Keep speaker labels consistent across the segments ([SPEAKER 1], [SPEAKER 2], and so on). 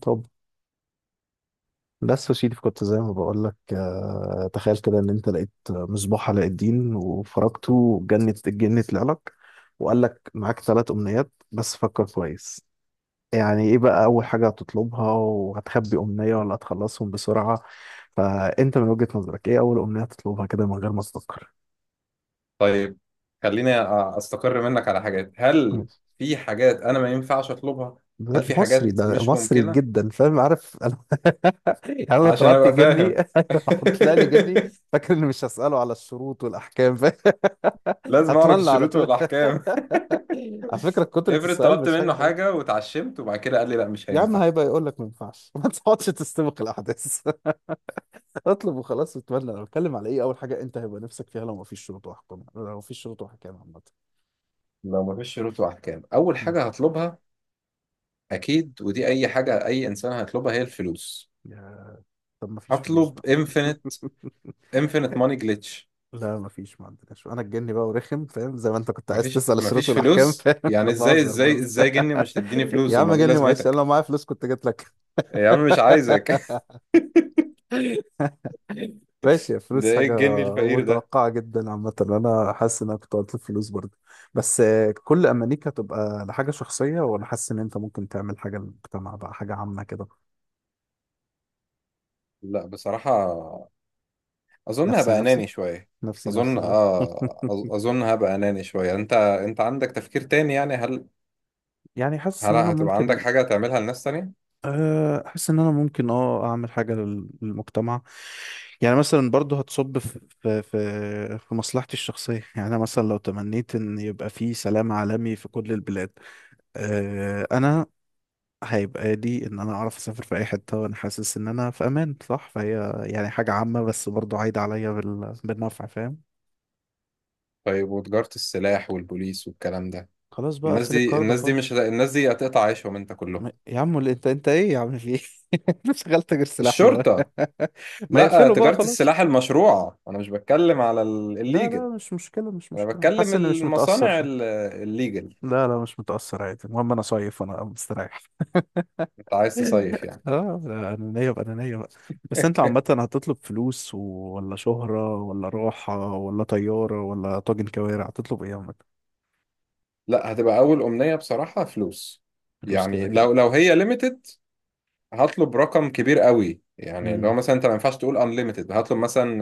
[SPEAKER 1] طب، بس يا سيدي كنت زي ما بقول لك، تخيل كده ان انت لقيت مصباح علاء الدين وفرجته وجنت الجن طلع لك وقال لك معاك 3 أمنيات، بس فكر كويس. يعني ايه بقى اول حاجه هتطلبها وهتخبي امنيه، ولا هتخلصهم بسرعه؟ فانت من وجهه نظرك ايه اول امنيه هتطلبها كده من غير ما تفكر؟
[SPEAKER 2] طيب. خليني استقر منك على حاجات. هل في حاجات انا ما ينفعش اطلبها؟ هل
[SPEAKER 1] لا،
[SPEAKER 2] في
[SPEAKER 1] مصري
[SPEAKER 2] حاجات
[SPEAKER 1] ده
[SPEAKER 2] مش
[SPEAKER 1] مصري
[SPEAKER 2] ممكنة؟
[SPEAKER 1] جدا، فاهم، عارف انا. يعني انا لو
[SPEAKER 2] عشان
[SPEAKER 1] طلعت
[SPEAKER 2] ابقى
[SPEAKER 1] جني
[SPEAKER 2] فاهم.
[SPEAKER 1] هحط لي جني، فاكر اني مش هساله على الشروط والاحكام، فاهم.
[SPEAKER 2] لازم اعرف
[SPEAKER 1] هتملى على
[SPEAKER 2] الشروط
[SPEAKER 1] طول.
[SPEAKER 2] والاحكام.
[SPEAKER 1] على فكرة كترة
[SPEAKER 2] افرض
[SPEAKER 1] السؤال
[SPEAKER 2] طلبت
[SPEAKER 1] مش
[SPEAKER 2] منه
[SPEAKER 1] حاجة حلوة.
[SPEAKER 2] حاجة واتعشمت وبعد كده قال لي لا مش
[SPEAKER 1] يا عم
[SPEAKER 2] هينفع.
[SPEAKER 1] هيبقى يقول لك ما ينفعش. ما تقعدش تستبق الأحداث. اطلب وخلاص. وتملى أنا بتكلم على إيه، أول حاجة أنت هيبقى نفسك فيها لو ما فيش شروط وأحكام، لو ما فيش شروط وأحكام عامة.
[SPEAKER 2] لو ما فيش شروط واحكام اول
[SPEAKER 1] مم.
[SPEAKER 2] حاجة هطلبها اكيد، ودي اي حاجة اي انسان هيطلبها هي الفلوس.
[SPEAKER 1] يا طب ما فيش فلوس
[SPEAKER 2] هطلب
[SPEAKER 1] بقى.
[SPEAKER 2] انفينيت. انفينيت ماني جلitch.
[SPEAKER 1] لا ما فيش، ما عندناش. أنا الجني بقى ورخم، فاهم، زي ما أنت كنت عايز
[SPEAKER 2] مفيش
[SPEAKER 1] تسأل الشروط
[SPEAKER 2] مفيش
[SPEAKER 1] والأحكام،
[SPEAKER 2] فلوس؟
[SPEAKER 1] فاهم. لا
[SPEAKER 2] يعني ازاي
[SPEAKER 1] بهزر
[SPEAKER 2] ازاي
[SPEAKER 1] بهزر.
[SPEAKER 2] ازاي جني ومش تديني
[SPEAKER 1] يا
[SPEAKER 2] فلوس؟
[SPEAKER 1] عم
[SPEAKER 2] امال ايه
[SPEAKER 1] جني، معلش، أنا
[SPEAKER 2] لازمتك؟
[SPEAKER 1] لو معايا فلوس كنت جيت لك.
[SPEAKER 2] يا عم مش عايزك.
[SPEAKER 1] ماشي،
[SPEAKER 2] ده
[SPEAKER 1] الفلوس
[SPEAKER 2] ايه
[SPEAKER 1] حاجة
[SPEAKER 2] الجن الفقير ده؟
[SPEAKER 1] متوقعة جدا. عامة أنا حاسس إن أنا كنت قلت الفلوس برضه، بس كل أمانيك هتبقى لحاجة شخصية، وأنا حاسس إن أنت ممكن تعمل حاجة للمجتمع بقى، حاجة عامة كده.
[SPEAKER 2] لا بصراحة اظن
[SPEAKER 1] نفسي
[SPEAKER 2] هبقى
[SPEAKER 1] نفسي،
[SPEAKER 2] اناني شوية.
[SPEAKER 1] نفسي
[SPEAKER 2] اظن
[SPEAKER 1] نفسي ده.
[SPEAKER 2] اه. اظن هبقى اناني شوية. انت عندك تفكير تاني يعني؟ هل
[SPEAKER 1] يعني حاسس
[SPEAKER 2] هل
[SPEAKER 1] إن أنا
[SPEAKER 2] هتبقى عندك
[SPEAKER 1] ممكن،
[SPEAKER 2] حاجة تعملها لناس تانية؟
[SPEAKER 1] حاسس إن أنا ممكن أعمل حاجة للمجتمع. يعني مثلا برضه هتصب في مصلحتي الشخصية. يعني أنا مثلا لو تمنيت إن يبقى في سلام عالمي في كل البلاد، انا هيبقى لي ان انا اعرف اسافر في اي حته وانا حاسس ان انا في امان. صح، فهي يعني حاجه عامه بس برضو عايده عليا بالنفع، فاهم.
[SPEAKER 2] طيب، وتجارة السلاح والبوليس والكلام ده؟
[SPEAKER 1] خلاص بقى،
[SPEAKER 2] الناس
[SPEAKER 1] اقفل
[SPEAKER 2] دي
[SPEAKER 1] الكارد
[SPEAKER 2] الناس دي
[SPEAKER 1] خالص.
[SPEAKER 2] مش هت- الناس دي هتقطع عيشهم انت كلهم.
[SPEAKER 1] يا عم اللي انت ايه يا عم، في ايه؟ مش شغلت غير سلاح له.
[SPEAKER 2] الشرطة.
[SPEAKER 1] ما
[SPEAKER 2] لا،
[SPEAKER 1] يقفله بقى
[SPEAKER 2] تجارة
[SPEAKER 1] خلاص.
[SPEAKER 2] السلاح المشروعة، انا مش بتكلم على
[SPEAKER 1] لا
[SPEAKER 2] الليجل.
[SPEAKER 1] لا، مش مشكله، مش
[SPEAKER 2] انا
[SPEAKER 1] مشكله،
[SPEAKER 2] بتكلم
[SPEAKER 1] حاسس اني مش متاثر،
[SPEAKER 2] المصانع
[SPEAKER 1] فاهم.
[SPEAKER 2] الليجل.
[SPEAKER 1] لا لا، مش متاثر، عادي. المهم انا صايف وانا مستريح.
[SPEAKER 2] انت عايز تصيف يعني؟
[SPEAKER 1] اه لا، انانيه بقى، انانيه بقى. بس انت عامه هتطلب فلوس ولا شهره ولا راحه ولا طياره ولا طاجن كوارع؟ هتطلب ايه عامه؟
[SPEAKER 2] لا، هتبقى اول امنيه بصراحه فلوس.
[SPEAKER 1] فلوس كده
[SPEAKER 2] يعني
[SPEAKER 1] كده.
[SPEAKER 2] لو هي ليميتد هطلب رقم كبير قوي. يعني
[SPEAKER 1] امم
[SPEAKER 2] لو مثلا انت ما ينفعش تقول انليميتد، هطلب مثلا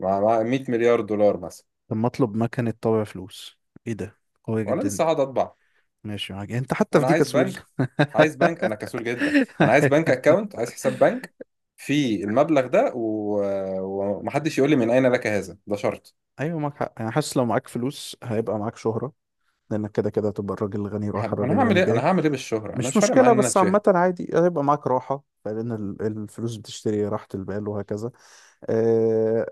[SPEAKER 2] مع 100 مليار دولار مثلا.
[SPEAKER 1] طب ما اطلب مكنه طابع فلوس؟ ايه ده؟ قويه
[SPEAKER 2] وانا
[SPEAKER 1] جدا
[SPEAKER 2] لسه
[SPEAKER 1] دي.
[SPEAKER 2] هقعد اطبع؟
[SPEAKER 1] ماشي، معاك، انت حتى في
[SPEAKER 2] انا
[SPEAKER 1] دي
[SPEAKER 2] عايز
[SPEAKER 1] كسول.
[SPEAKER 2] بنك. عايز بنك، انا كسول جدا. انا عايز بنك اكاونت، عايز حساب بنك في المبلغ ده، و... ومحدش يقول لي من اين لك هذا، ده شرط.
[SPEAKER 1] ايوه معاك حق، انا حاسس لو معاك فلوس هيبقى معاك شهره، لانك كده كده هتبقى الراجل الغني رايح، الراجل
[SPEAKER 2] انا هعمل
[SPEAKER 1] الغني
[SPEAKER 2] ايه انا
[SPEAKER 1] جاي.
[SPEAKER 2] هعمل ايه بالشهره، انا
[SPEAKER 1] مش
[SPEAKER 2] مش فارق
[SPEAKER 1] مشكلة،
[SPEAKER 2] معايا ان انا
[SPEAKER 1] بس
[SPEAKER 2] اتشهر.
[SPEAKER 1] عامة عادي هيبقى معاك راحة، لأن الفلوس بتشتري راحة البال وهكذا. أه،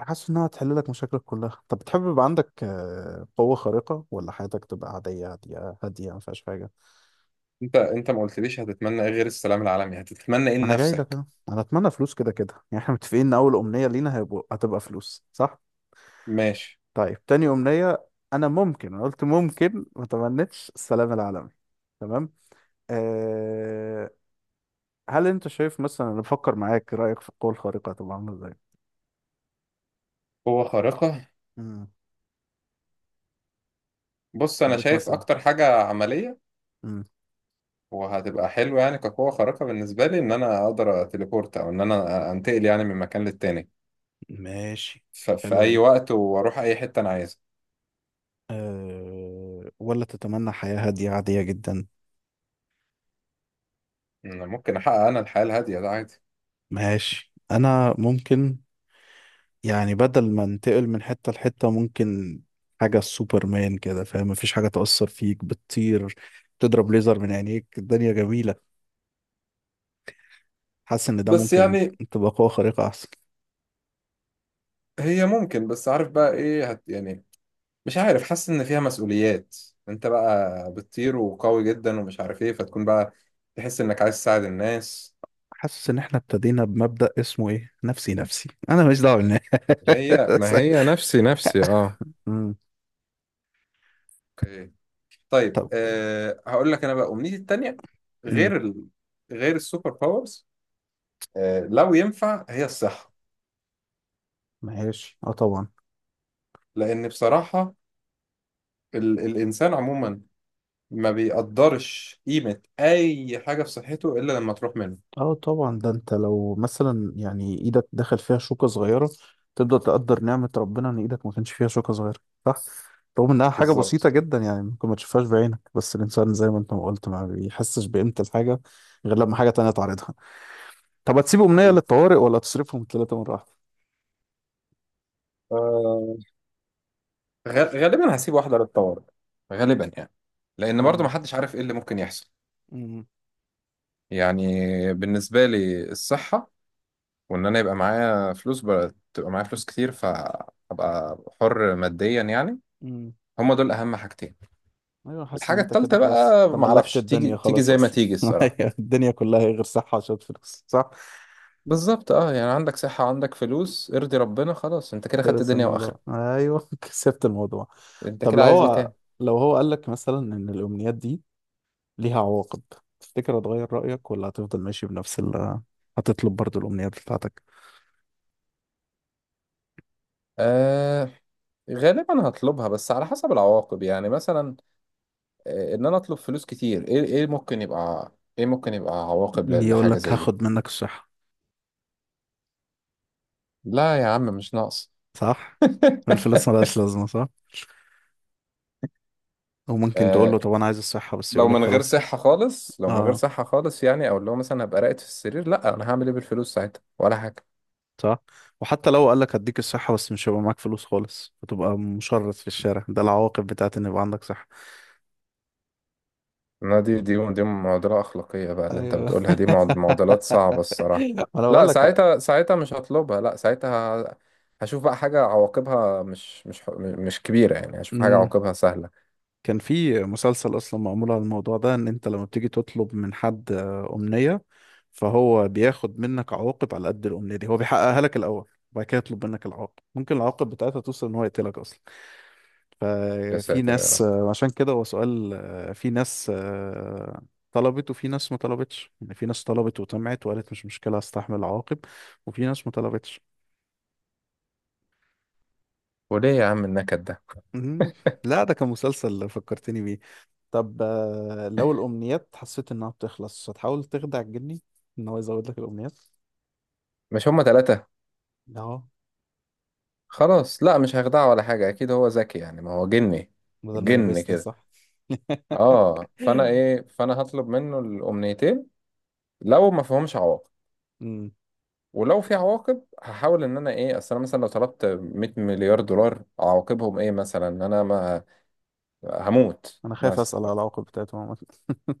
[SPEAKER 1] حاسس إنها هتحل لك مشاكلك كلها. طب بتحب يبقى عندك قوة خارقة، ولا حياتك تبقى عادية هادية هادية، ما فيهاش حاجة؟
[SPEAKER 2] انت ما قلتليش هتتمنى ايه غير السلام العالمي. هتتمنى ايه
[SPEAKER 1] ما أنا جاي لك
[SPEAKER 2] لنفسك؟
[SPEAKER 1] أهو، أنا أتمنى فلوس كده كده. يعني إحنا متفقين إن أول أمنية لينا هتبقى فلوس، صح؟
[SPEAKER 2] ماشي.
[SPEAKER 1] طيب، تاني أمنية. أنا قلت ممكن ما تمنيتش السلام العالمي. تمام. أه، هل أنت شايف مثلا، أنا بفكر معاك، رأيك في القوة الخارقة هتبقى عاملة إزاي؟
[SPEAKER 2] قوة خارقة.
[SPEAKER 1] مم.
[SPEAKER 2] بص انا
[SPEAKER 1] خليك
[SPEAKER 2] شايف
[SPEAKER 1] مثلا.
[SPEAKER 2] اكتر حاجه عمليه
[SPEAKER 1] مم.
[SPEAKER 2] وهتبقى حلوه، يعني كقوه خارقه بالنسبه لي، ان انا اقدر اتليبورت او ان انا انتقل يعني من مكان للتاني
[SPEAKER 1] ماشي.
[SPEAKER 2] في
[SPEAKER 1] حلوة
[SPEAKER 2] اي
[SPEAKER 1] دي.
[SPEAKER 2] وقت، واروح اي حته انا عايزها.
[SPEAKER 1] ولا تتمنى حياة هادية عادية جدا؟
[SPEAKER 2] أنا ممكن احقق انا الحياه الهاديه ده عادي.
[SPEAKER 1] ماشي، أنا ممكن، يعني بدل ما انتقل من حتة لحتة، ممكن حاجة سوبرمان كده، فاهم، مفيش حاجة تأثر فيك، بتطير، تضرب ليزر من عينيك، الدنيا جميلة. حاسس إن ده
[SPEAKER 2] بس
[SPEAKER 1] ممكن،
[SPEAKER 2] يعني
[SPEAKER 1] تبقى قوة خارقة أحسن.
[SPEAKER 2] هي ممكن، بس عارف بقى ايه يعني، مش عارف، حاسس ان فيها مسؤوليات. انت بقى بتطير وقوي جدا ومش عارف ايه، فتكون بقى تحس انك عايز تساعد الناس.
[SPEAKER 1] حاسس إن إحنا ابتدينا بمبدأ اسمه إيه، نفسي نفسي، أنا ماليش دعوة بالناس.
[SPEAKER 2] هي ما هي نفسي نفسي اه.
[SPEAKER 1] مم.
[SPEAKER 2] طيب
[SPEAKER 1] طب.
[SPEAKER 2] أه هقول لك انا بقى امنيتي التانية،
[SPEAKER 1] مم.
[SPEAKER 2] غير ال... غير السوبر باورز. أه لو ينفع هي الصحة.
[SPEAKER 1] ماشي، اه طبعا.
[SPEAKER 2] لان بصراحة ال... الانسان عموما ما بيقدرش قيمة اي حاجة في صحته الا لما تروح منه.
[SPEAKER 1] اه طبعا، ده انت لو مثلا يعني ايدك دخل فيها شوكة صغيرة، تبدأ تقدر نعمة ربنا ان ايدك ما كانش فيها شوكة صغيرة. صح؟ رغم انها حاجة بسيطة
[SPEAKER 2] بالظبط.
[SPEAKER 1] جدا، يعني ممكن ما تشوفهاش بعينك، بس الانسان زي ما انت ما قلت، ما بيحسش بقيمة الحاجة غير لما حاجة تانية تعرضها. طب هتسيب امنية للطوارئ، ولا تصرفهم ثلاثة مرة واحدة؟
[SPEAKER 2] آه، غالبا هسيب واحدة للطوارئ. غالبا يعني. لأن برضو
[SPEAKER 1] اتمنى.
[SPEAKER 2] محدش عارف إيه اللي ممكن يحصل.
[SPEAKER 1] امم
[SPEAKER 2] يعني بالنسبة لي الصحة، وإن أنا يبقى معايا فلوس بقى، تبقى معايا فلوس كتير فأبقى حر ماديا يعني.
[SPEAKER 1] امم
[SPEAKER 2] هما دول اهم حاجتين.
[SPEAKER 1] ايوه، حاسس ان
[SPEAKER 2] الحاجه
[SPEAKER 1] انت كده
[SPEAKER 2] التالتة
[SPEAKER 1] خلاص
[SPEAKER 2] بقى
[SPEAKER 1] تملكت
[SPEAKER 2] معرفش، تيجي
[SPEAKER 1] الدنيا،
[SPEAKER 2] تيجي
[SPEAKER 1] خلاص
[SPEAKER 2] زي ما
[SPEAKER 1] اصلا.
[SPEAKER 2] تيجي الصراحه.
[SPEAKER 1] أيوة، الدنيا كلها هي غير صحة عشان فلوس، صح؟
[SPEAKER 2] بالظبط اه. يعني عندك صحه، عندك فلوس، ارضي ربنا خلاص. انت كده خدت
[SPEAKER 1] خلص
[SPEAKER 2] دنيا
[SPEAKER 1] الموضوع،
[SPEAKER 2] واخره.
[SPEAKER 1] ايوه. كسبت الموضوع.
[SPEAKER 2] انت
[SPEAKER 1] طب
[SPEAKER 2] كده
[SPEAKER 1] لو
[SPEAKER 2] عايز ايه
[SPEAKER 1] هو
[SPEAKER 2] تاني؟
[SPEAKER 1] لو هو قال لك مثلا ان الامنيات دي ليها عواقب، تفتكر هتغير رايك ولا هتفضل ماشي بنفس هتطلب برضو الامنيات بتاعتك؟
[SPEAKER 2] آه غالبا هطلبها، بس على حسب العواقب. يعني مثلا ان انا اطلب فلوس كتير، ايه ممكن يبقى عواقب
[SPEAKER 1] يقول
[SPEAKER 2] لحاجه
[SPEAKER 1] لك
[SPEAKER 2] زي دي.
[SPEAKER 1] هاخد منك الصحه.
[SPEAKER 2] لا يا عم مش ناقص.
[SPEAKER 1] صح. الفلوس ملهاش لازمه، صح. وممكن تقول له
[SPEAKER 2] آه.
[SPEAKER 1] طب انا عايز الصحه بس،
[SPEAKER 2] لو
[SPEAKER 1] يقول لك
[SPEAKER 2] من غير
[SPEAKER 1] خلاص.
[SPEAKER 2] صحة خالص لو من غير
[SPEAKER 1] اه،
[SPEAKER 2] صحة خالص يعني، او لو مثلا هبقى راقد في السرير، لا انا هعمل ايه بالفلوس ساعتها؟ ولا حاجة.
[SPEAKER 1] صح. وحتى لو قال لك هديك الصحه بس مش هيبقى معاك فلوس خالص، هتبقى مشرد في الشارع، ده العواقب بتاعت ان يبقى عندك صحه.
[SPEAKER 2] لا دي معضلة أخلاقية بقى اللي أنت
[SPEAKER 1] ايوه.
[SPEAKER 2] بتقولها. دي معضلات صعبة الصراحة.
[SPEAKER 1] انا بقول
[SPEAKER 2] لا
[SPEAKER 1] لك.
[SPEAKER 2] ساعتها مش هطلبها، لا ساعتها هشوف بقى حاجة عواقبها مش كبيرة. يعني هشوف حاجة
[SPEAKER 1] امم
[SPEAKER 2] عواقبها سهلة.
[SPEAKER 1] كان في مسلسل اصلا معمول على الموضوع ده، ان انت لما بتيجي تطلب من حد امنية، فهو بياخد منك عواقب على قد الامنية دي. هو بيحققها لك الاول وبعد كده يطلب منك العواقب، ممكن العواقب بتاعتها توصل ان هو يقتلك اصلا.
[SPEAKER 2] يا
[SPEAKER 1] ففي
[SPEAKER 2] ساتر يا
[SPEAKER 1] ناس،
[SPEAKER 2] رب.
[SPEAKER 1] عشان كده هو سؤال، في ناس طلبت وفي ناس ما طلبتش. يعني في ناس طلبت وطمعت وقالت مش مشكلة هستحمل العواقب، وفي ناس ما طلبتش.
[SPEAKER 2] وليه يا عم النكد ده؟
[SPEAKER 1] مهم. لا ده كان مسلسل فكرتني. طب لو الأمنيات حسيت إنها بتخلص، هتحاول تخدع الجني إن هو يزود لك الأمنيات؟
[SPEAKER 2] مش هما تلاتة؟
[SPEAKER 1] أهو،
[SPEAKER 2] خلاص لا، مش هخدعه ولا حاجة، أكيد هو ذكي يعني ما هو جني.
[SPEAKER 1] بدل ما
[SPEAKER 2] جن
[SPEAKER 1] يلبسني،
[SPEAKER 2] كده.
[SPEAKER 1] صح.
[SPEAKER 2] اه فأنا هطلب منه الأمنيتين لو ما فيهمش عواقب.
[SPEAKER 1] أمم،
[SPEAKER 2] ولو في عواقب هحاول ان انا ايه. اصل انا مثلا لو طلبت 100 مليار دولار، عواقبهم ايه مثلا؟ ان انا ما هموت
[SPEAKER 1] أنا خايف
[SPEAKER 2] مثلا.
[SPEAKER 1] أسأل على العواقب بتاعته عامة.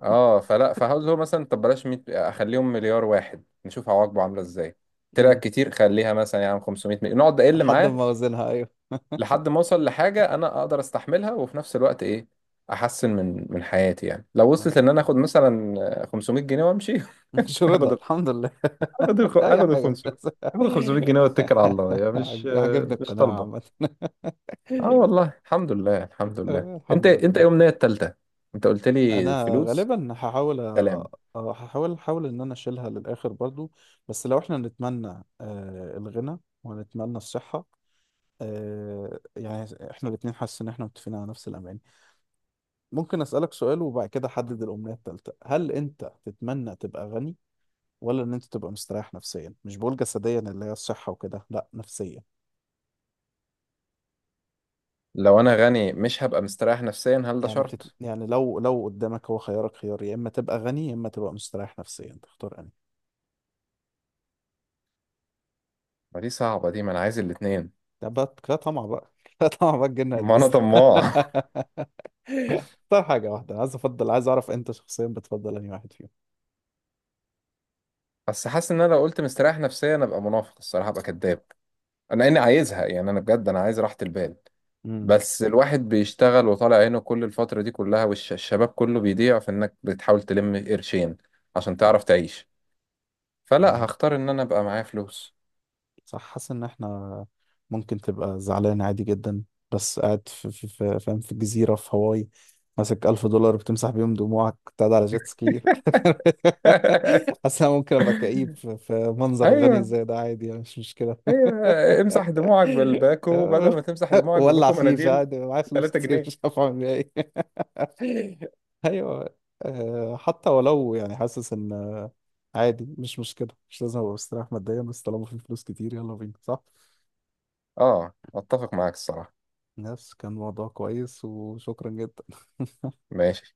[SPEAKER 2] اه فهقول له مثلا طب بلاش 100، اخليهم مليار واحد نشوف عواقبه عامله ازاي. طلع
[SPEAKER 1] أمم،
[SPEAKER 2] كتير، خليها مثلا يعني 500 مليون، نقعد اقل
[SPEAKER 1] لحد
[SPEAKER 2] معاه،
[SPEAKER 1] ما أوزنها، أيوه.
[SPEAKER 2] لحد ما اوصل لحاجه انا اقدر استحملها وفي نفس الوقت ايه، احسن من حياتي. يعني لو وصلت
[SPEAKER 1] أيوه.
[SPEAKER 2] ان انا اخد مثلا 500 جنيه وامشي.
[SPEAKER 1] مش رضا
[SPEAKER 2] اخد
[SPEAKER 1] الحمد لله.
[SPEAKER 2] اخد ال-
[SPEAKER 1] أي
[SPEAKER 2] اخد ال
[SPEAKER 1] حاجة
[SPEAKER 2] 500.
[SPEAKER 1] بس.
[SPEAKER 2] اخد ال 500 جنيه واتكل على الله. يعني مش
[SPEAKER 1] عجبني
[SPEAKER 2] مش
[SPEAKER 1] القناعة
[SPEAKER 2] طالبه.
[SPEAKER 1] عامة.
[SPEAKER 2] اه والله، الحمد لله الحمد لله. انت
[SPEAKER 1] الحمد
[SPEAKER 2] انت
[SPEAKER 1] لله.
[SPEAKER 2] يوم النية التالتة انت قلت لي
[SPEAKER 1] انا
[SPEAKER 2] فلوس.
[SPEAKER 1] غالبا
[SPEAKER 2] سلام.
[SPEAKER 1] هحاول ان انا اشيلها للاخر برضو. بس لو احنا نتمنى الغنى، ونتمنى الصحة، يعني احنا الاتنين، حاسس ان احنا متفقين على نفس الاماني. ممكن اسألك سؤال وبعد كده احدد الامنية التالتة: هل انت تتمنى تبقى غني، ولا ان انت تبقى مستريح نفسيا؟ مش بقول جسديا اللي هي الصحة وكده، لا، نفسيا.
[SPEAKER 2] لو انا غني مش هبقى مستريح نفسيا، هل ده شرط؟
[SPEAKER 1] يعني لو قدامك هو خيارك، خيار يا اما تبقى غني يا اما تبقى مستريح نفسيا، تختار.
[SPEAKER 2] ما دي صعبة دي، ما انا عايز الاتنين.
[SPEAKER 1] ده بقى كده طمع بقى. كده طمع بقى، الجن
[SPEAKER 2] ما انا
[SPEAKER 1] هيلبسنا.
[SPEAKER 2] طماع.
[SPEAKER 1] اختار حاجة واحدة. عايز افضل، عايز اعرف انت شخصيا بتفضل انهي واحد فيهم؟
[SPEAKER 2] بس حاسس ان انا لو قلت مستريح نفسيا ابقى منافق الصراحة، ابقى كذاب. انا اني عايزها يعني، انا بجد انا عايز راحة البال.
[SPEAKER 1] امم.
[SPEAKER 2] بس الواحد بيشتغل وطالع عينه كل الفترة دي كلها، والشباب كله بيضيع في انك بتحاول تلم قرشين عشان
[SPEAKER 1] صح.
[SPEAKER 2] تعرف تعيش. فلا هختار ان انا ابقى معايا فلوس.
[SPEAKER 1] صح، حاسس ان احنا، ممكن تبقى زعلان عادي جدا، بس قاعد في في في فاهم، في جزيرة في هاواي، ماسك 1000 دولار بتمسح بيهم دموعك، بتقعد على جيت سكي. حاسس انا ممكن ابقى كئيب في منظر غني
[SPEAKER 2] ايوه.
[SPEAKER 1] زي ده، عادي يعني، مش مشكلة.
[SPEAKER 2] هي امسح دموعك بالباكو بدل ما تمسح دموعك
[SPEAKER 1] ولع
[SPEAKER 2] بباكو
[SPEAKER 1] فيه،
[SPEAKER 2] مناديل
[SPEAKER 1] فعلا معايا فلوس
[SPEAKER 2] 3
[SPEAKER 1] كتير
[SPEAKER 2] جنيه
[SPEAKER 1] مش عارف اعمل بيها ايه. ايوه. حتى ولو يعني، حاسس ان عادي، مش مشكلة، مش لازم أبقى مستريح ماديا، بس طالما في فلوس كتير، يلا بينا، صح؟
[SPEAKER 2] اه اتفق معاك الصراحة.
[SPEAKER 1] نفس كان موضوع كويس، وشكرا جدا.
[SPEAKER 2] ماشي.